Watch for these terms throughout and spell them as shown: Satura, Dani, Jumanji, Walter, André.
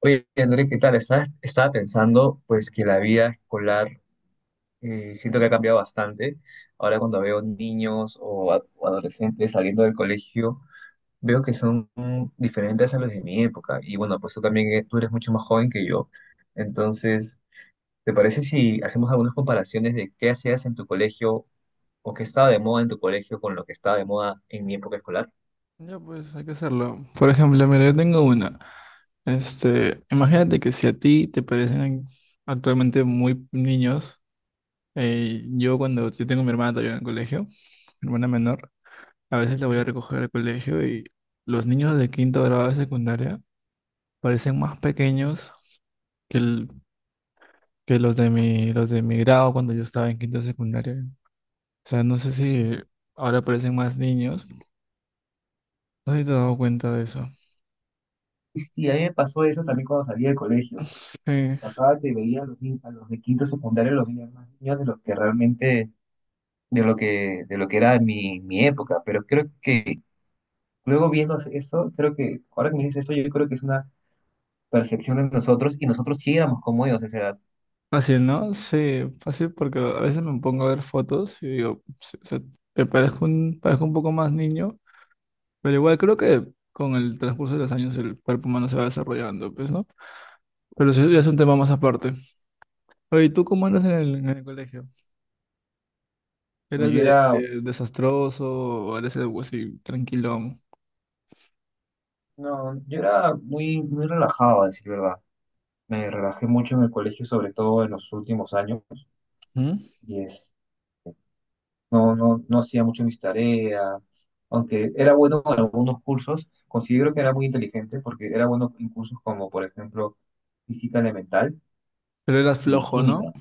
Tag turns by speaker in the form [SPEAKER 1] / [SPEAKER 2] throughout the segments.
[SPEAKER 1] Oye, André, ¿qué tal? Estaba pensando pues que la vida escolar siento que ha cambiado bastante. Ahora cuando veo niños o adolescentes saliendo del colegio, veo que son diferentes a los de mi época. Y bueno, pues tú también tú eres mucho más joven que yo. Entonces, ¿te parece si hacemos algunas comparaciones de qué hacías en tu colegio o qué estaba de moda en tu colegio con lo que estaba de moda en mi época escolar?
[SPEAKER 2] Ya pues hay que hacerlo. Por ejemplo, mira, yo tengo una. Imagínate que si a ti te parecen actualmente muy niños, yo tengo a mi hermana todavía en el colegio, mi hermana menor, a veces la voy a recoger al colegio y los niños de quinto grado de secundaria parecen más pequeños que, el- que los de los de mi grado cuando yo estaba en quinto de secundaria. O sea, no sé si ahora parecen más niños. No sé si te has dado cuenta de eso.
[SPEAKER 1] Sí, a mí me pasó eso también cuando salí del colegio.
[SPEAKER 2] Sí,
[SPEAKER 1] Pasaba que veía a los, ni- a los de quinto secundario los veía más niños de los que realmente, de lo que era mi, mi época, pero creo que luego viendo eso, creo que, ahora que me dices eso, yo creo que es una percepción de nosotros y nosotros sí éramos como ellos a esa edad.
[SPEAKER 2] fácil, ¿no? Sí, fácil porque a veces me pongo a ver fotos y digo, sí, o sea, parezco un poco más niño, pero igual creo que con el transcurso de los años el cuerpo humano se va desarrollando, pues, ¿no? Pero eso ya es un tema más aparte. Oye, ¿y tú cómo andas en en el colegio?
[SPEAKER 1] Pues
[SPEAKER 2] ¿Eras
[SPEAKER 1] yo era,
[SPEAKER 2] de desastroso o eres algo así tranquilón?
[SPEAKER 1] no, yo era muy, muy relajado, a decir verdad. Me relajé mucho en el colegio, sobre todo en los últimos años,
[SPEAKER 2] ¿Mm?
[SPEAKER 1] y, no hacía mucho mis tareas, aunque era bueno en algunos cursos, considero que era muy inteligente porque era bueno en cursos como, por ejemplo, física elemental
[SPEAKER 2] Pero eras
[SPEAKER 1] y
[SPEAKER 2] flojo, ¿no?
[SPEAKER 1] química.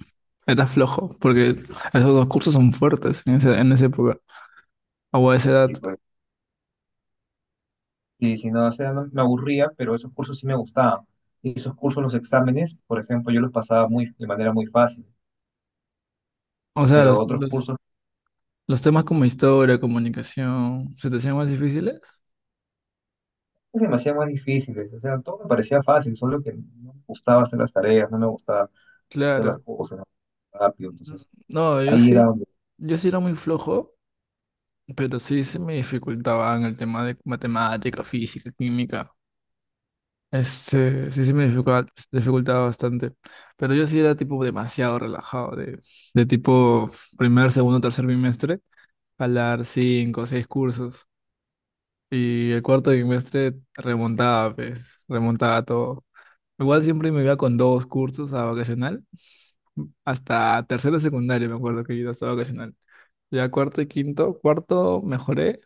[SPEAKER 2] Eras flojo, porque esos dos cursos son fuertes en en esa época, o a esa edad.
[SPEAKER 1] Y pues, y si no, o sea, me aburría, pero esos cursos sí me gustaban. Y esos cursos, los exámenes, por ejemplo, yo los pasaba muy, de manera muy fácil,
[SPEAKER 2] O sea,
[SPEAKER 1] pero otros cursos
[SPEAKER 2] los temas como historia, comunicación, ¿se te hacían más difíciles?
[SPEAKER 1] pues, se me hacían más difíciles, o sea, todo me parecía fácil, solo que no me gustaba hacer las tareas, no me gustaba hacer las
[SPEAKER 2] Claro.
[SPEAKER 1] cosas rápido, entonces
[SPEAKER 2] No, yo
[SPEAKER 1] ahí era
[SPEAKER 2] sí,
[SPEAKER 1] donde...
[SPEAKER 2] yo sí era muy flojo, pero sí se me dificultaban el tema de matemática, física, química. Sí se me dificultaba, dificultaba bastante. Pero yo sí era tipo demasiado relajado, de tipo primer, segundo, tercer bimestre, jalar cinco, o seis cursos. Y el cuarto trimestre remontaba, pues, remontaba todo. Igual siempre me iba con dos cursos a vacacional. Hasta tercero de secundario me acuerdo que iba hasta vacacional. Ya cuarto y quinto, cuarto mejoré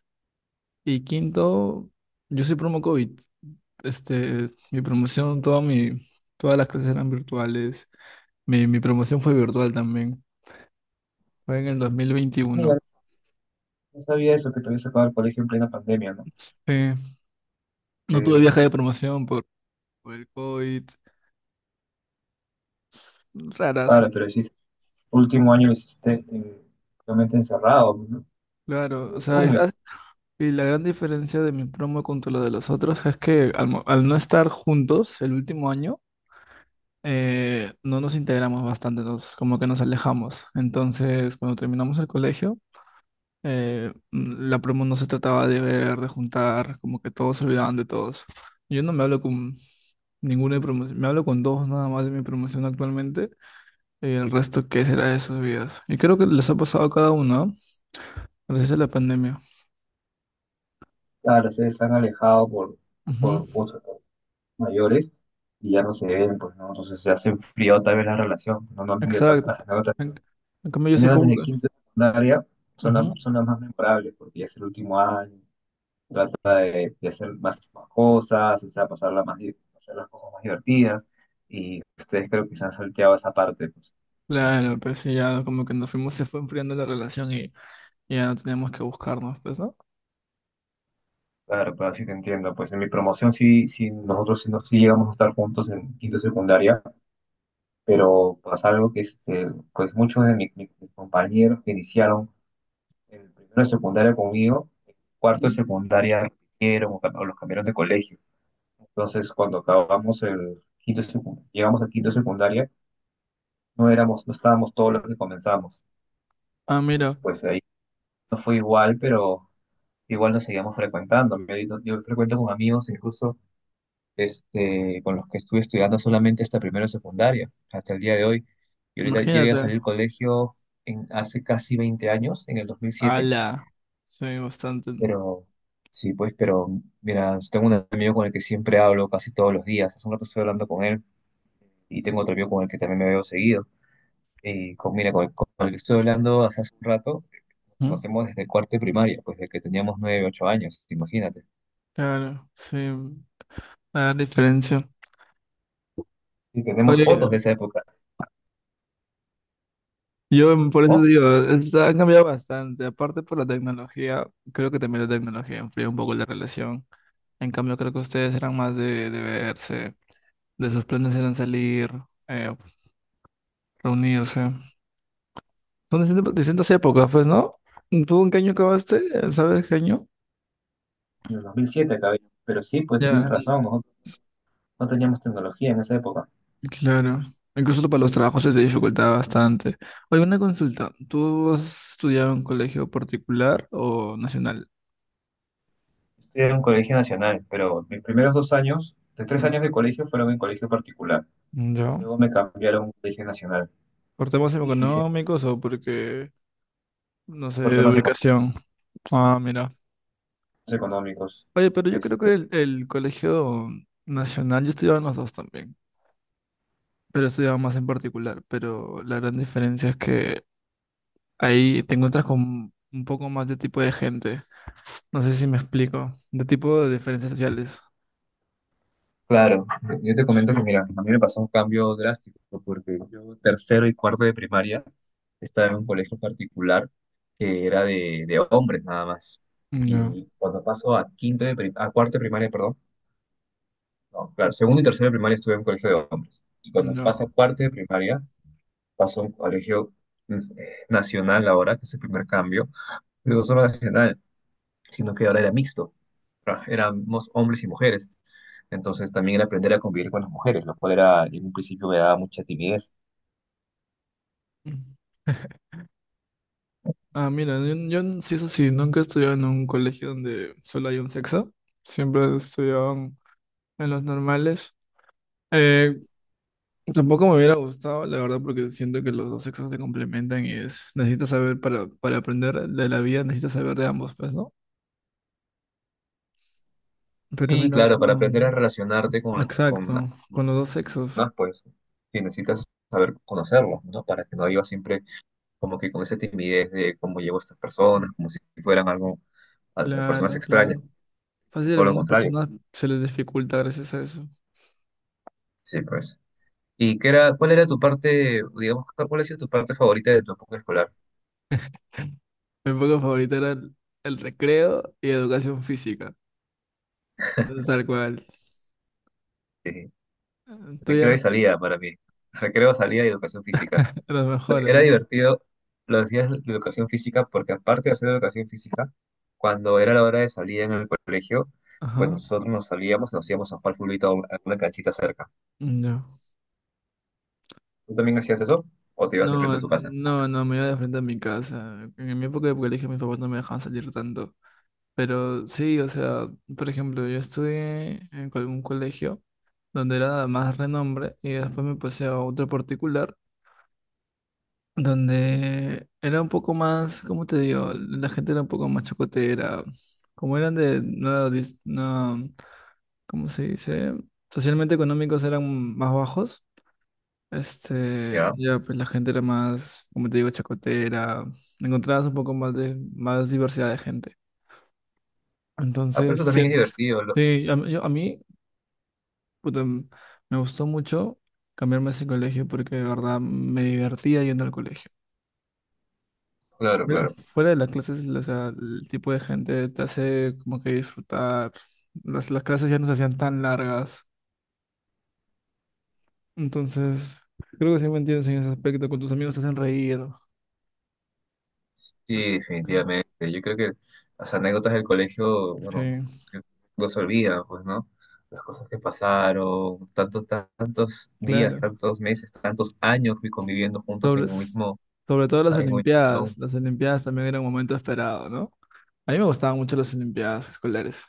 [SPEAKER 2] y quinto, yo soy promo COVID. Mi promoción, todas las clases eran virtuales. Mi promoción fue virtual también. Fue en el 2021.
[SPEAKER 1] No sabía eso, que te habías sacado del colegio en plena pandemia, ¿no?
[SPEAKER 2] Eh, no tuve
[SPEAKER 1] Eh,
[SPEAKER 2] viaje de promoción por el COVID. Raras,
[SPEAKER 1] claro, pero hiciste, último año lo hiciste realmente encerrado, ¿no?
[SPEAKER 2] claro, o
[SPEAKER 1] Eh,
[SPEAKER 2] sea,
[SPEAKER 1] Tú,
[SPEAKER 2] es-
[SPEAKER 1] mi-
[SPEAKER 2] y la gran diferencia de mi promo contra lo de los otros es que al no estar juntos el último año, no nos integramos bastante, nos, como que nos alejamos. Entonces, cuando terminamos el colegio, la promo no se trataba de ver, de juntar, como que todos se olvidaban de todos. Yo no me hablo con ninguna de promoción, me hablo con dos nada más de mi promoción actualmente, y el resto, ¿qué será de sus vidas? Y creo que les ha pasado a cada uno, ¿no? Gracias a la pandemia.
[SPEAKER 1] claro, ustedes han alejado
[SPEAKER 2] Ujú.
[SPEAKER 1] por mayores y ya no se ven, pues, ¿no? Entonces ya se enfrió tal vez la relación, no, no han vivido tantas
[SPEAKER 2] Exacto.
[SPEAKER 1] anécdotas.
[SPEAKER 2] En, en cambio, yo
[SPEAKER 1] Las anécdotas
[SPEAKER 2] supongo
[SPEAKER 1] de
[SPEAKER 2] que...
[SPEAKER 1] quinto y secundaria son,
[SPEAKER 2] Ujú.
[SPEAKER 1] son las más memorables, porque ya es el último año, trata de hacer más, cosas, o sea, pasarla más, hacer las cosas más divertidas, y ustedes creo que se han salteado esa parte, pues.
[SPEAKER 2] Claro, pues sí, ya como que nos fuimos, se fue enfriando la relación y ya no teníamos que buscarnos, pues, ¿no?
[SPEAKER 1] Claro, pero sí te entiendo, pues en mi promoción sí, sí nosotros sí, sí llegamos a estar juntos en quinto de secundaria, pero pasa algo que este, pues muchos de mis compañeros que iniciaron en primero de secundaria conmigo, en cuarto de
[SPEAKER 2] Ujú.
[SPEAKER 1] secundaria repitieron o los cambiaron de colegio. Entonces, cuando acabamos el quinto, llegamos al quinto de secundaria, no éramos, no estábamos todos los que comenzamos.
[SPEAKER 2] Ah, mira,
[SPEAKER 1] Pues ahí no fue igual, pero igual nos seguíamos frecuentando. Yo, yo frecuento con amigos, incluso este, con los que estuve estudiando solamente hasta primero de secundaria, hasta el día de hoy. Y ahorita yo ya salí
[SPEAKER 2] imagínate.
[SPEAKER 1] del colegio en, hace casi 20 años, en el 2007,
[SPEAKER 2] Ala. Sí, bastante.
[SPEAKER 1] pero sí, pues, pero mira, tengo un amigo con el que siempre hablo casi todos los días. Hace un rato estoy hablando con él y tengo otro amigo con el que también me veo seguido. Y con, mira, con el que estoy hablando hace un rato.
[SPEAKER 2] Ujú.
[SPEAKER 1] Conocemos desde cuarto y primaria, pues desde que teníamos nueve, ocho años, imagínate.
[SPEAKER 2] Claro, sí, la diferencia.
[SPEAKER 1] Y tenemos
[SPEAKER 2] Oye,
[SPEAKER 1] fotos de esa época,
[SPEAKER 2] yo por eso
[SPEAKER 1] ¿no?
[SPEAKER 2] digo, es- ha cambiado bastante. Aparte por la tecnología, creo que también la tecnología enfría un poco la relación. En cambio, creo que ustedes eran más de verse, de sus planes eran salir, eh, reunirse. Son distintas, distintas épocas, pues, ¿no? ¿Tú en qué año acabaste? ¿Sabes qué año?
[SPEAKER 1] En el 2007 acabé. Pero sí, pues
[SPEAKER 2] Ya,
[SPEAKER 1] tienes razón, nosotros no teníamos tecnología en esa época.
[SPEAKER 2] claro. Incluso para los trabajos se te dificultaba bastante. Oye, una consulta. ¿Tú has estudiado en colegio particular o nacional?
[SPEAKER 1] Estudié en un colegio nacional, pero mis primeros dos años, de tres
[SPEAKER 2] Mm,
[SPEAKER 1] años de colegio, fueron en colegio particular.
[SPEAKER 2] ¿yo?
[SPEAKER 1] Luego me cambiaron a un colegio nacional.
[SPEAKER 2] ¿Por temas
[SPEAKER 1] Y sí, sí,
[SPEAKER 2] económicos o porque, no sé,
[SPEAKER 1] por
[SPEAKER 2] de
[SPEAKER 1] temas económicos.
[SPEAKER 2] ubicación? Ah, mira.
[SPEAKER 1] Económicos.
[SPEAKER 2] Oye, pero yo creo
[SPEAKER 1] Este,
[SPEAKER 2] que el colegio nacional, yo estudiaba en los dos también, pero estudiaba más en particular. Pero la gran diferencia es que ahí te encuentras con un poco más de tipo de gente. No sé si me explico. De tipo de diferencias sociales.
[SPEAKER 1] claro, yo te comento
[SPEAKER 2] Sí.
[SPEAKER 1] que mira, a mí me pasó un cambio drástico porque yo tercero y cuarto de primaria estaba en un colegio particular que era de hombres nada más.
[SPEAKER 2] No,
[SPEAKER 1] Y cuando paso a a cuarto de primaria, perdón, no, claro, segundo y tercero de primaria estuve en un colegio de hombres. Y cuando
[SPEAKER 2] no.
[SPEAKER 1] paso a cuarto de primaria, paso a un colegio nacional ahora, que es el primer cambio, pero no solo nacional, sino que ahora era mixto, éramos hombres y mujeres. Entonces también aprender a convivir con las mujeres, lo cual era, en un principio me daba mucha timidez.
[SPEAKER 2] Mm. Ah, mira, sí, eso sí, nunca he estudiado en un colegio donde solo hay un sexo. Siempre he estudiado en los normales. Eh, Tampoco me hubiera gustado, la verdad, porque siento que los dos sexos se complementan y es, necesitas saber para aprender de la vida, necesitas saber de ambos, pues, ¿no? Pero
[SPEAKER 1] Sí,
[SPEAKER 2] mira, la
[SPEAKER 1] claro, para
[SPEAKER 2] verdad,
[SPEAKER 1] aprender a relacionarte con las
[SPEAKER 2] exacto, con los dos sexos.
[SPEAKER 1] personas, pues sí, necesitas saber conocerlas, ¿no? Para que no vivas siempre como que con esa timidez de cómo llevo a estas personas, como si fueran algo, personas
[SPEAKER 2] Claro, claro.
[SPEAKER 1] extrañas,
[SPEAKER 2] Fácil, a
[SPEAKER 1] todo lo
[SPEAKER 2] algunas
[SPEAKER 1] contrario.
[SPEAKER 2] personas se les dificulta gracias a eso.
[SPEAKER 1] Sí, pues. ¿Y qué era, cuál era tu parte, digamos, cuál ha sido tu parte favorita de tu época escolar?
[SPEAKER 2] Mi época favorita era el recreo y educación física. Tal cual.
[SPEAKER 1] Sí, recreo
[SPEAKER 2] Tuya,
[SPEAKER 1] y salida para mí. Recreo, salida y educación física.
[SPEAKER 2] los
[SPEAKER 1] Era
[SPEAKER 2] mejores.
[SPEAKER 1] divertido los días de educación física porque aparte de hacer educación física, cuando era la hora de salir en el colegio, pues
[SPEAKER 2] Ajá.
[SPEAKER 1] nosotros nos salíamos y nos íbamos a jugar fulbito a a una canchita cerca.
[SPEAKER 2] No.
[SPEAKER 1] ¿Tú también hacías eso? ¿O te ibas enfrente
[SPEAKER 2] No,
[SPEAKER 1] de tu casa?
[SPEAKER 2] no, no, me iba de frente a mi casa. En mi época de colegio mis papás no me dejaban salir tanto. Pero sí, o sea, por ejemplo, yo estudié en algún colegio donde era más renombre y después me pasé a otro particular donde era un poco más, ¿cómo te digo? La gente era un poco más chocotera, como eran de, no, dis- no, ¿cómo se dice? Socialmente económicos eran más bajos,
[SPEAKER 1] Ya.
[SPEAKER 2] ya pues la gente era más, como te digo, chacotera, encontrabas un poco más de, más diversidad de gente.
[SPEAKER 1] Ah, pero
[SPEAKER 2] Entonces,
[SPEAKER 1] eso
[SPEAKER 2] sí,
[SPEAKER 1] también es divertido.
[SPEAKER 2] sí, a mí, puta, me gustó mucho cambiarme a ese colegio porque de verdad me divertía yendo al colegio.
[SPEAKER 1] Claro,
[SPEAKER 2] Mira,
[SPEAKER 1] claro.
[SPEAKER 2] fuera de las clases, o sea, el tipo de gente te hace como que disfrutar. Las clases ya no se hacían tan largas. Entonces, creo que sí me entiendes en ese aspecto. Con tus amigos te hacen reír.
[SPEAKER 1] Sí, definitivamente. Yo creo que las anécdotas del colegio, bueno,
[SPEAKER 2] Sí,
[SPEAKER 1] que no se olvidan, pues, ¿no? Las cosas que pasaron, tantos, tantos días,
[SPEAKER 2] claro.
[SPEAKER 1] tantos meses, tantos años que conviviendo juntos
[SPEAKER 2] Sobre,
[SPEAKER 1] en un
[SPEAKER 2] s-
[SPEAKER 1] mismo
[SPEAKER 2] sobre todo las
[SPEAKER 1] Ay, muy chulo.
[SPEAKER 2] Olimpiadas. Las Olimpiadas también era un momento esperado, ¿no? A mí me gustaban mucho las Olimpiadas escolares.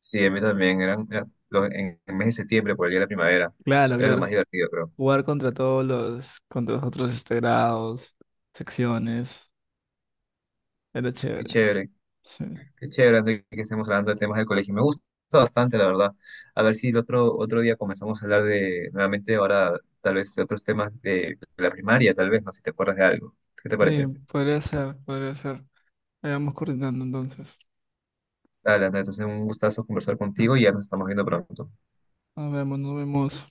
[SPEAKER 1] Sí, a mí también. Eran, en el mes de septiembre, por el día de la primavera.
[SPEAKER 2] Claro,
[SPEAKER 1] Era lo más
[SPEAKER 2] claro.
[SPEAKER 1] divertido, creo.
[SPEAKER 2] Jugar contra todos contra los otros este, grados, secciones. Era
[SPEAKER 1] Qué
[SPEAKER 2] chévere.
[SPEAKER 1] chévere.
[SPEAKER 2] Sí.
[SPEAKER 1] Qué chévere, André, que estemos hablando de temas del colegio. Me gusta bastante, la verdad. A ver si el otro, otro día comenzamos a hablar de, nuevamente, ahora, tal vez de otros temas de, la primaria, tal vez, no sé si te acuerdas de algo. ¿Qué te
[SPEAKER 2] Sí,
[SPEAKER 1] parece?
[SPEAKER 2] podría ser, podría ser. Ahí vamos coordinando entonces.
[SPEAKER 1] Dale, André, entonces un gustazo conversar contigo y ya nos estamos viendo pronto.
[SPEAKER 2] Nos vemos, nos vemos.